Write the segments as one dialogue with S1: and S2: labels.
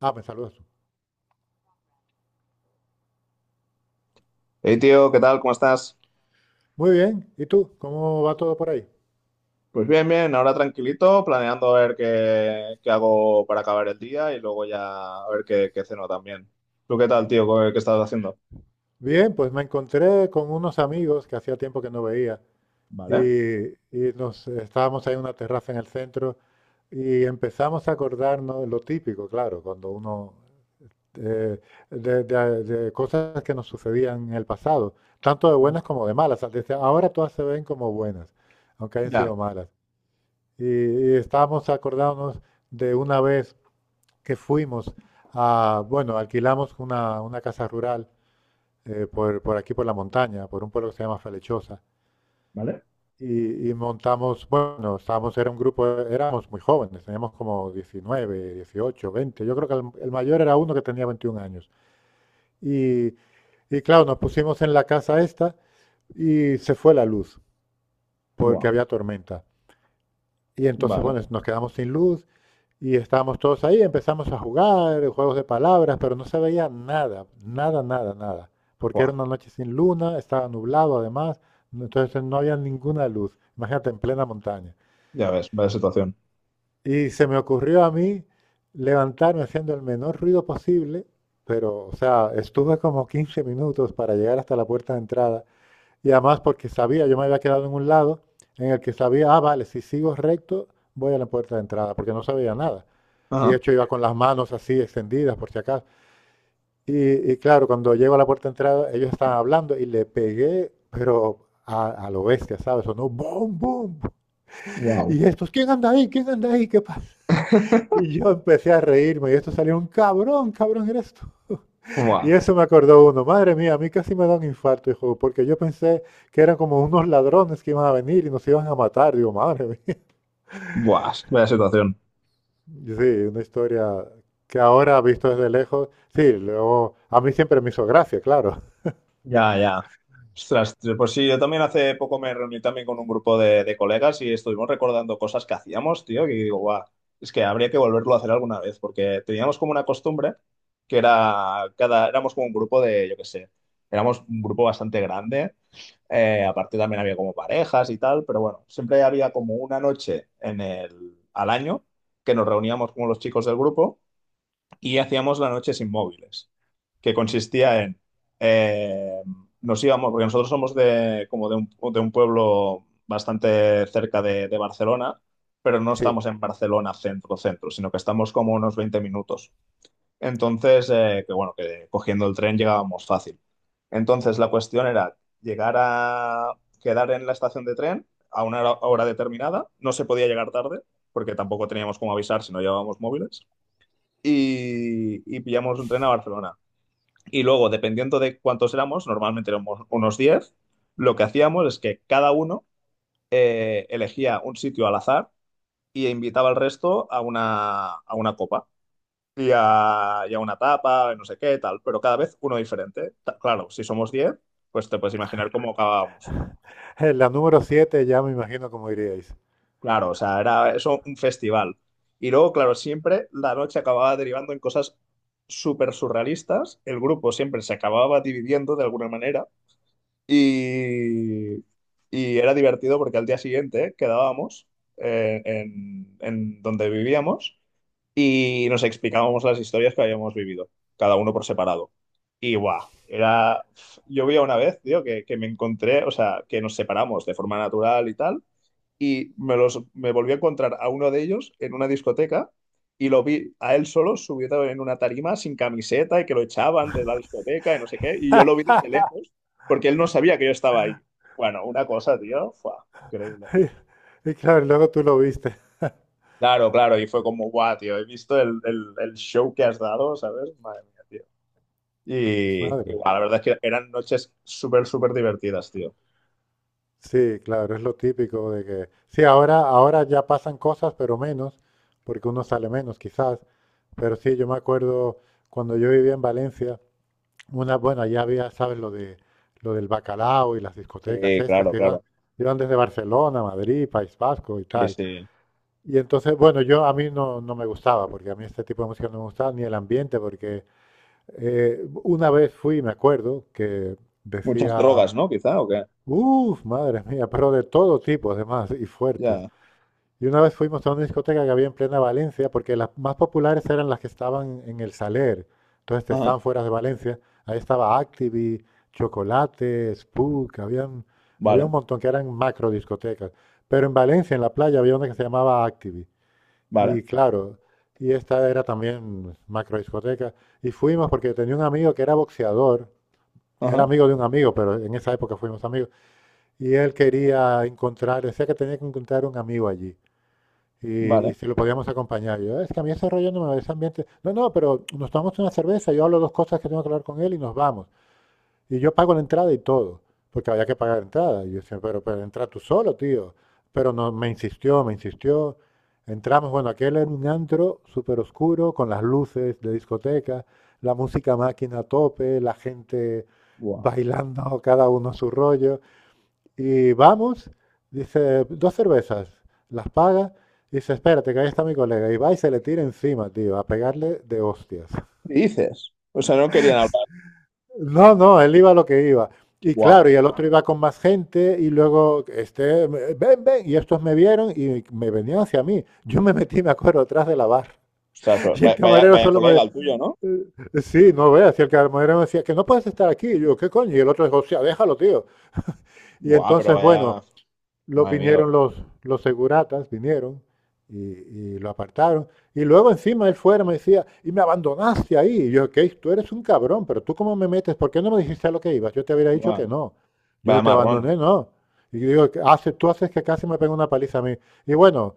S1: Ah, me saludas tú.
S2: Hey tío, ¿qué tal? ¿Cómo estás?
S1: Muy bien. ¿Y tú? ¿Cómo va todo por ahí?
S2: Pues bien, bien, ahora tranquilito, planeando a ver qué hago para acabar el día y luego ya a ver qué ceno también. ¿Tú qué tal, tío? ¿Qué estás haciendo?
S1: Bien, pues me encontré con unos amigos que hacía tiempo que no veía
S2: ¿Vale?
S1: y nos estábamos ahí en una terraza en el centro y empezamos a acordarnos de lo típico, claro, cuando uno eh, de cosas que nos sucedían en el pasado, tanto de buenas como de malas. Desde ahora todas se ven como buenas, aunque hayan
S2: Ya.
S1: sido malas. Y estábamos acordándonos de una vez que fuimos a, bueno, alquilamos una casa rural por aquí, por la montaña, por un pueblo que se llama Falechosa.
S2: ¿Vale?
S1: Y montamos, bueno, estábamos, era un grupo, éramos muy jóvenes, teníamos como 19, 18, 20. Yo creo que el mayor era uno que tenía 21 años. Y, y claro, nos pusimos en la casa esta y se fue la luz porque
S2: Buah.
S1: había tormenta. Y entonces,
S2: Vale.
S1: bueno, nos quedamos sin luz. Y estábamos todos ahí, empezamos a jugar, juegos de palabras, pero no se veía nada, nada, nada, nada. Porque era
S2: Buah.
S1: una noche sin luna, estaba nublado además, entonces no había ninguna luz. Imagínate, en plena montaña.
S2: Ya ves, vaya situación.
S1: Y se me ocurrió a mí levantarme haciendo el menor ruido posible, pero, o sea, estuve como 15 minutos para llegar hasta la puerta de entrada y además porque sabía, yo me había quedado en un lado en el que sabía, ah, vale, si sigo recto, voy a la puerta de entrada, porque no sabía nada. Y de
S2: Ajá.
S1: hecho iba con las manos así extendidas, por si acaso. Y claro, cuando llego a la puerta de entrada, ellos estaban hablando y le pegué, pero a lo bestia, ¿sabes? Sonó boom, boom.
S2: Wow.
S1: Y estos, ¿quién anda ahí? ¿Quién anda ahí? ¿Qué pasa? Y yo empecé a reírme y esto salió un cabrón, cabrón eres tú. Y
S2: Buah.
S1: eso me acordó uno. Madre mía, a mí casi me da un infarto, hijo, porque yo pensé que eran como unos ladrones que iban a venir y nos iban a matar. Digo, madre mía.
S2: Buah, vaya situación.
S1: Y sí, una historia que ahora, visto desde lejos, sí, luego, a mí siempre me hizo gracia, claro.
S2: Ya, ya. Ostras, pues sí, yo también hace poco me reuní también con un grupo de colegas y estuvimos recordando cosas que hacíamos, tío, que digo, guau, es que habría que volverlo a hacer alguna vez, porque teníamos como una costumbre que era, cada, éramos como un grupo de, yo qué sé, éramos un grupo bastante grande, aparte también había como parejas y tal, pero bueno, siempre había como una noche en el, al año que nos reuníamos como los chicos del grupo y hacíamos la noche sin móviles, que consistía en, eh, nos íbamos, porque nosotros somos de, como de un pueblo bastante cerca de Barcelona, pero no
S1: Sí.
S2: estamos en Barcelona centro, centro, sino que estamos como unos 20 minutos. Entonces, que bueno, que cogiendo el tren llegábamos fácil. Entonces, la cuestión era llegar a quedar en la estación de tren a una hora determinada, no se podía llegar tarde, porque tampoco teníamos cómo avisar si no llevábamos móviles y pillamos un tren a Barcelona. Y luego, dependiendo de cuántos éramos, normalmente éramos unos diez, lo que hacíamos es que cada uno, elegía un sitio al azar y invitaba al resto a una copa y a una tapa, no sé qué, tal, pero cada vez uno diferente. Ta- Claro, si somos 10 pues te puedes imaginar cómo acabábamos.
S1: En la número 7 ya me imagino cómo iríais.
S2: Claro, o sea, era eso un festival. Y luego, claro, siempre la noche acababa derivando en cosas súper surrealistas. El grupo siempre se acababa dividiendo de alguna manera. Y, y era divertido porque al día siguiente quedábamos, en donde vivíamos y nos explicábamos las historias que habíamos vivido, cada uno por separado. Y guau, era. Yo vi una vez, tío, que me encontré, o sea, que nos separamos de forma natural y tal y me, los, me volví a encontrar a uno de ellos en una discoteca y lo vi a él solo subido en una tarima sin camiseta y que lo echaban de la discoteca y no sé qué. Y yo lo vi desde lejos porque él no sabía que yo estaba ahí. Bueno, una cosa, tío, fue increíble.
S1: Y claro, luego tú lo viste.
S2: Claro, claro, y fue como, guau, tío, he visto el show que has dado, ¿sabes? Madre mía, tío. Y,
S1: Madre.
S2: guau, la verdad es que eran noches súper, súper divertidas, tío.
S1: Sí, claro, es lo típico de que, sí, ahora, ya pasan cosas, pero menos, porque uno sale menos quizás, pero sí, yo me acuerdo cuando yo vivía en Valencia, una, bueno, ya había, ¿sabes? Lo del bacalao y las discotecas
S2: Sí,
S1: estas
S2: claro,
S1: que iban,
S2: claro.
S1: iban desde Barcelona, Madrid, País Vasco y
S2: Sí,
S1: tal.
S2: sí.
S1: Y entonces, bueno, yo a mí no, no me gustaba, porque a mí este tipo de música no me gustaba, ni el ambiente, porque una vez fui, me acuerdo, que
S2: Muchas
S1: decía.
S2: drogas, ¿no? Quizá, ¿o qué?
S1: Uf, madre mía, pero de todo tipo además y fuertes.
S2: Ya.
S1: Y una vez fuimos a una discoteca que había en plena Valencia, porque las más populares eran las que estaban en el Saler, entonces te
S2: Ajá.
S1: estaban fuera de Valencia. Ahí estaba Activi, Chocolate, Spook, había un
S2: Vale,
S1: montón que eran macro discotecas. Pero en Valencia, en la playa, había una que se llamaba Activi.
S2: vale.
S1: Y claro, y esta era también macro discoteca. Y fuimos porque tenía un amigo que era boxeador, era
S2: Ajá,
S1: amigo de un amigo, pero en esa época fuimos amigos. Y él quería encontrar, decía que tenía que encontrar un amigo allí. Y,
S2: vale.
S1: y si lo podíamos acompañar. Yo, es que a mí ese rollo no me va, ese ambiente. No, no, pero nos tomamos una cerveza, yo hablo dos cosas que tengo que hablar con él y nos vamos. Y yo pago la entrada y todo, porque había que pagar entrada. Y yo decía, pero entra tú solo, tío. Pero no, me insistió, me insistió. Entramos, bueno, aquel era un antro súper oscuro, con las luces de discoteca, la música máquina a tope, la gente
S2: Guau.
S1: bailando, cada uno a su rollo. Y vamos, dice, dos cervezas, las paga, y dice, espérate, que ahí está mi colega. Y va y se le tira encima, tío, a pegarle de hostias.
S2: ¿Qué dices? O sea, no querían hablar.
S1: No, no, él iba a lo que iba. Y
S2: Guau.
S1: claro, y el otro iba con más gente, y luego, este, ven, ven, y estos me vieron y me venían hacia mí. Yo me metí, me acuerdo, atrás de la barra.
S2: Ostras, pero
S1: Y el
S2: va- vaya,
S1: camarero
S2: vaya
S1: solo me,
S2: colega el tuyo, ¿no?
S1: eh, sí, no veas, y el camarero me decía que no puedes estar aquí. Y yo, ¿qué coño? Y el otro dijo: "Hostia, déjalo, tío". Y
S2: Guau, pero
S1: entonces,
S2: vaya.
S1: bueno, los
S2: Madre mía,
S1: vinieron los seguratas, vinieron y lo apartaron. Y luego encima él fuera me decía, y me abandonaste ahí. Y yo, Keith, tú eres un cabrón, pero tú cómo me metes, ¿por qué no me dijiste a lo que ibas? Yo te hubiera dicho
S2: guau.
S1: que no. Yo
S2: Vaya
S1: te
S2: marrón.
S1: abandoné, no. Y digo, hace, tú haces que casi me pega una paliza a mí. Y bueno,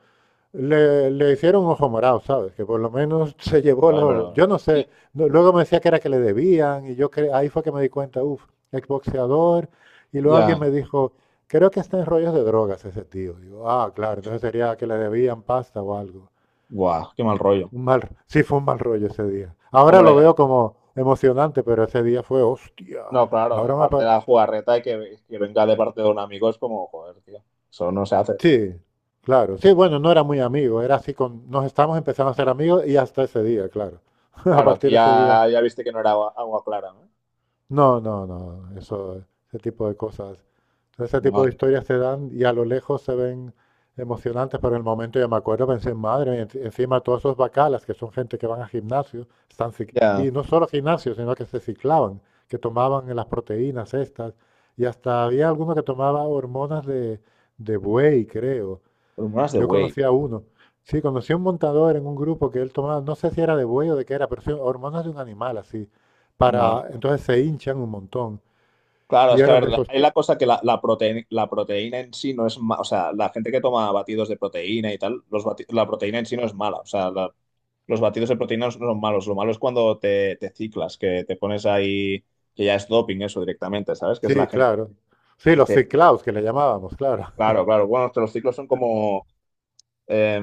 S1: le hicieron ojo morado, ¿sabes? Que por lo menos se llevó
S2: Joder,
S1: los...
S2: pero.
S1: Yo no
S2: Sí.
S1: sé, luego me decía que era que le debían y ahí fue que me di cuenta, uff, exboxeador. Y luego alguien
S2: Ya.
S1: me dijo, creo que está en rollos de drogas ese tío. Digo, ah, claro, entonces sería que le debían pasta o algo.
S2: Guau, qué mal rollo.
S1: Un mal, sí, fue un mal rollo ese día. Ahora lo
S2: Hombre,
S1: veo como emocionante, pero ese día fue, hostia,
S2: no, claro,
S1: ahora me...
S2: aparte de
S1: apar-
S2: la jugarreta y que venga de parte de un amigo es como, joder, tío. Eso no se hace.
S1: Sí, claro. Sí, bueno, no era muy amigo, era así con... Nos estábamos empezando a ser amigos y hasta ese día, claro. A
S2: Claro, aquí
S1: partir de ese día.
S2: ya, ya viste que no era agua, agua clara, ¿no?
S1: No, no, no, eso, ese tipo de cosas. Entonces, ese tipo de
S2: Madre.
S1: historias se dan y a lo lejos se ven emocionantes, pero en el momento ya me acuerdo, pensé, madre mía, encima todos esos bacalas, que son gente que van a gimnasios, están cic-
S2: Ya.
S1: y no solo gimnasios, sino que se ciclaban, que tomaban las proteínas estas, y hasta había alguno que tomaba hormonas de, buey, creo,
S2: Hormonas de
S1: yo
S2: güey,
S1: conocí a uno. Sí, conocí a un montador en un grupo que él tomaba, no sé si era de buey o de qué era, pero sí, hormonas de un animal así.
S2: guau.
S1: Para, entonces se hinchan un montón.
S2: Claro,
S1: Y
S2: es que a
S1: eran
S2: ver,
S1: de
S2: la-
S1: esos,
S2: es la cosa que la, prote- la proteína en sí no es mala, o sea, la gente que toma batidos de proteína y tal, los bati- la proteína en sí no es mala, o sea, la- los batidos de proteína no son malos, lo malo es cuando te ciclas, que te pones ahí, que ya es doping eso directamente, ¿sabes? Que es la
S1: sí,
S2: gente
S1: claro. Sí,
S2: que
S1: los
S2: se...
S1: ciclaos que le llamábamos, claro.
S2: Claro, claro, bueno, es que los ciclos eh,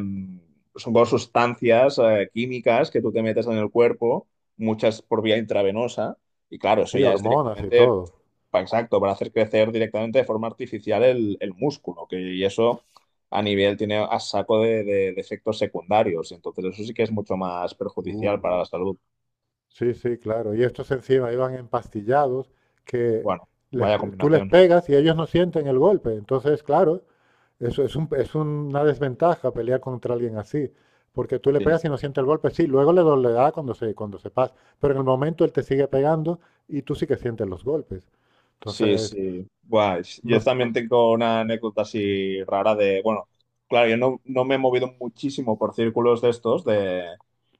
S2: son como sustancias químicas que tú te metes en el cuerpo, muchas por vía intravenosa, y claro, eso
S1: Sí,
S2: ya es
S1: hormonas y
S2: directamente,
S1: todo.
S2: pa- exacto, para hacer crecer directamente de forma artificial el músculo, que, y eso a nivel tiene a saco de efectos secundarios, entonces eso sí que es mucho más perjudicial para
S1: Uf.
S2: la salud.
S1: Sí, sí, claro. Y estos encima iban empastillados, que
S2: Bueno, vaya
S1: tú les
S2: combinación.
S1: pegas y ellos no sienten el golpe. Entonces, claro, eso es es una desventaja pelear contra alguien así, porque tú le
S2: Sí,
S1: pegas y no siente el golpe. Sí, luego le dolerá cuando cuando se pasa, pero en el momento él te sigue pegando y tú sí que sientes los golpes.
S2: sí,
S1: Entonces,
S2: sí. Guay.
S1: no,
S2: Yo también tengo una anécdota así rara de, bueno, claro, yo no, no me he movido muchísimo por círculos de estos, de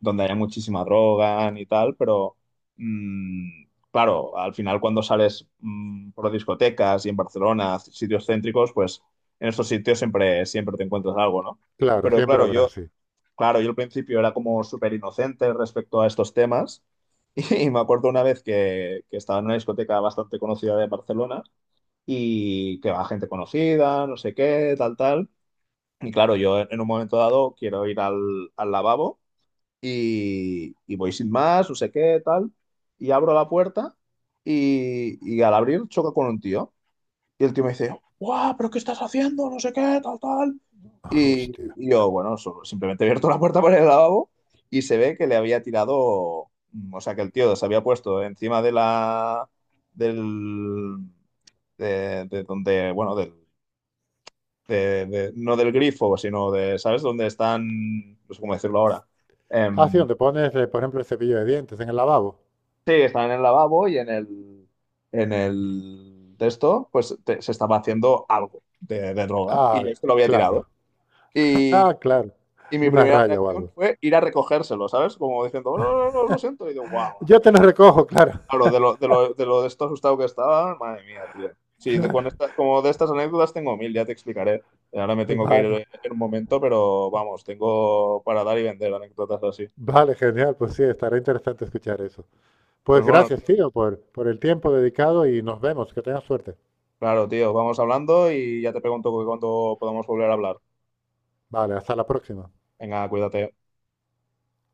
S2: donde haya muchísima droga y tal, pero mm, claro, al final cuando sales por discotecas y en Barcelona, sitios céntricos, pues en estos sitios siempre, siempre te encuentras algo, ¿no?
S1: claro,
S2: Pero
S1: siempre
S2: claro,
S1: habrá
S2: yo,
S1: así.
S2: claro, yo al principio era como súper inocente respecto a estos temas. Y me acuerdo una vez que estaba en una discoteca bastante conocida de Barcelona y que va gente conocida, no sé qué, tal, tal. Y claro, yo en un momento dado quiero ir al, al lavabo y voy sin más, no sé qué, tal. Y abro la puerta y al abrir choca con un tío. Y el tío me dice, ¡guau! ¿Pero qué estás haciendo? No sé qué, tal, tal.
S1: Hostia.
S2: Y yo, bueno, solo- simplemente he abierto la puerta para el lavabo y se ve que le había tirado, o sea, que el tío se había puesto encima de la, del, de donde, bueno, del, de- no del grifo, sino de, ¿sabes? Donde están, no sé cómo decirlo ahora.
S1: Ah, sí,
S2: Em,
S1: donde pones, por ejemplo, el cepillo de dientes en el lavabo.
S2: sí, están en el lavabo y en el de esto, pues te- se estaba haciendo algo de droga
S1: Ah,
S2: y este lo había tirado.
S1: claro.
S2: Y,
S1: Ah,
S2: y-
S1: claro.
S2: y mi
S1: Una
S2: primera
S1: raya o
S2: reacción
S1: algo.
S2: fue ir a recogérselo, ¿sabes? Como diciendo, no, no, no, no, lo siento. Y digo, guau.
S1: Yo te lo recojo, claro.
S2: Claro, de lo, de lo, de lo de esto asustado que estaba, madre mía, tío. Sí, de, con esta- como de estas anécdotas tengo mil, ya te explicaré. Ahora me tengo que ir
S1: Vale,
S2: en un momento, pero vamos, tengo para dar y vender anécdotas así.
S1: vale, genial. Pues sí, estará interesante escuchar eso.
S2: Pues
S1: Pues
S2: bueno,
S1: gracias,
S2: tío.
S1: tío, por el tiempo dedicado y nos vemos. Que tengas suerte.
S2: Claro, tío, vamos hablando y ya te pregunto cuándo podamos volver a hablar.
S1: Vale, hasta la próxima.
S2: Venga, cuídate.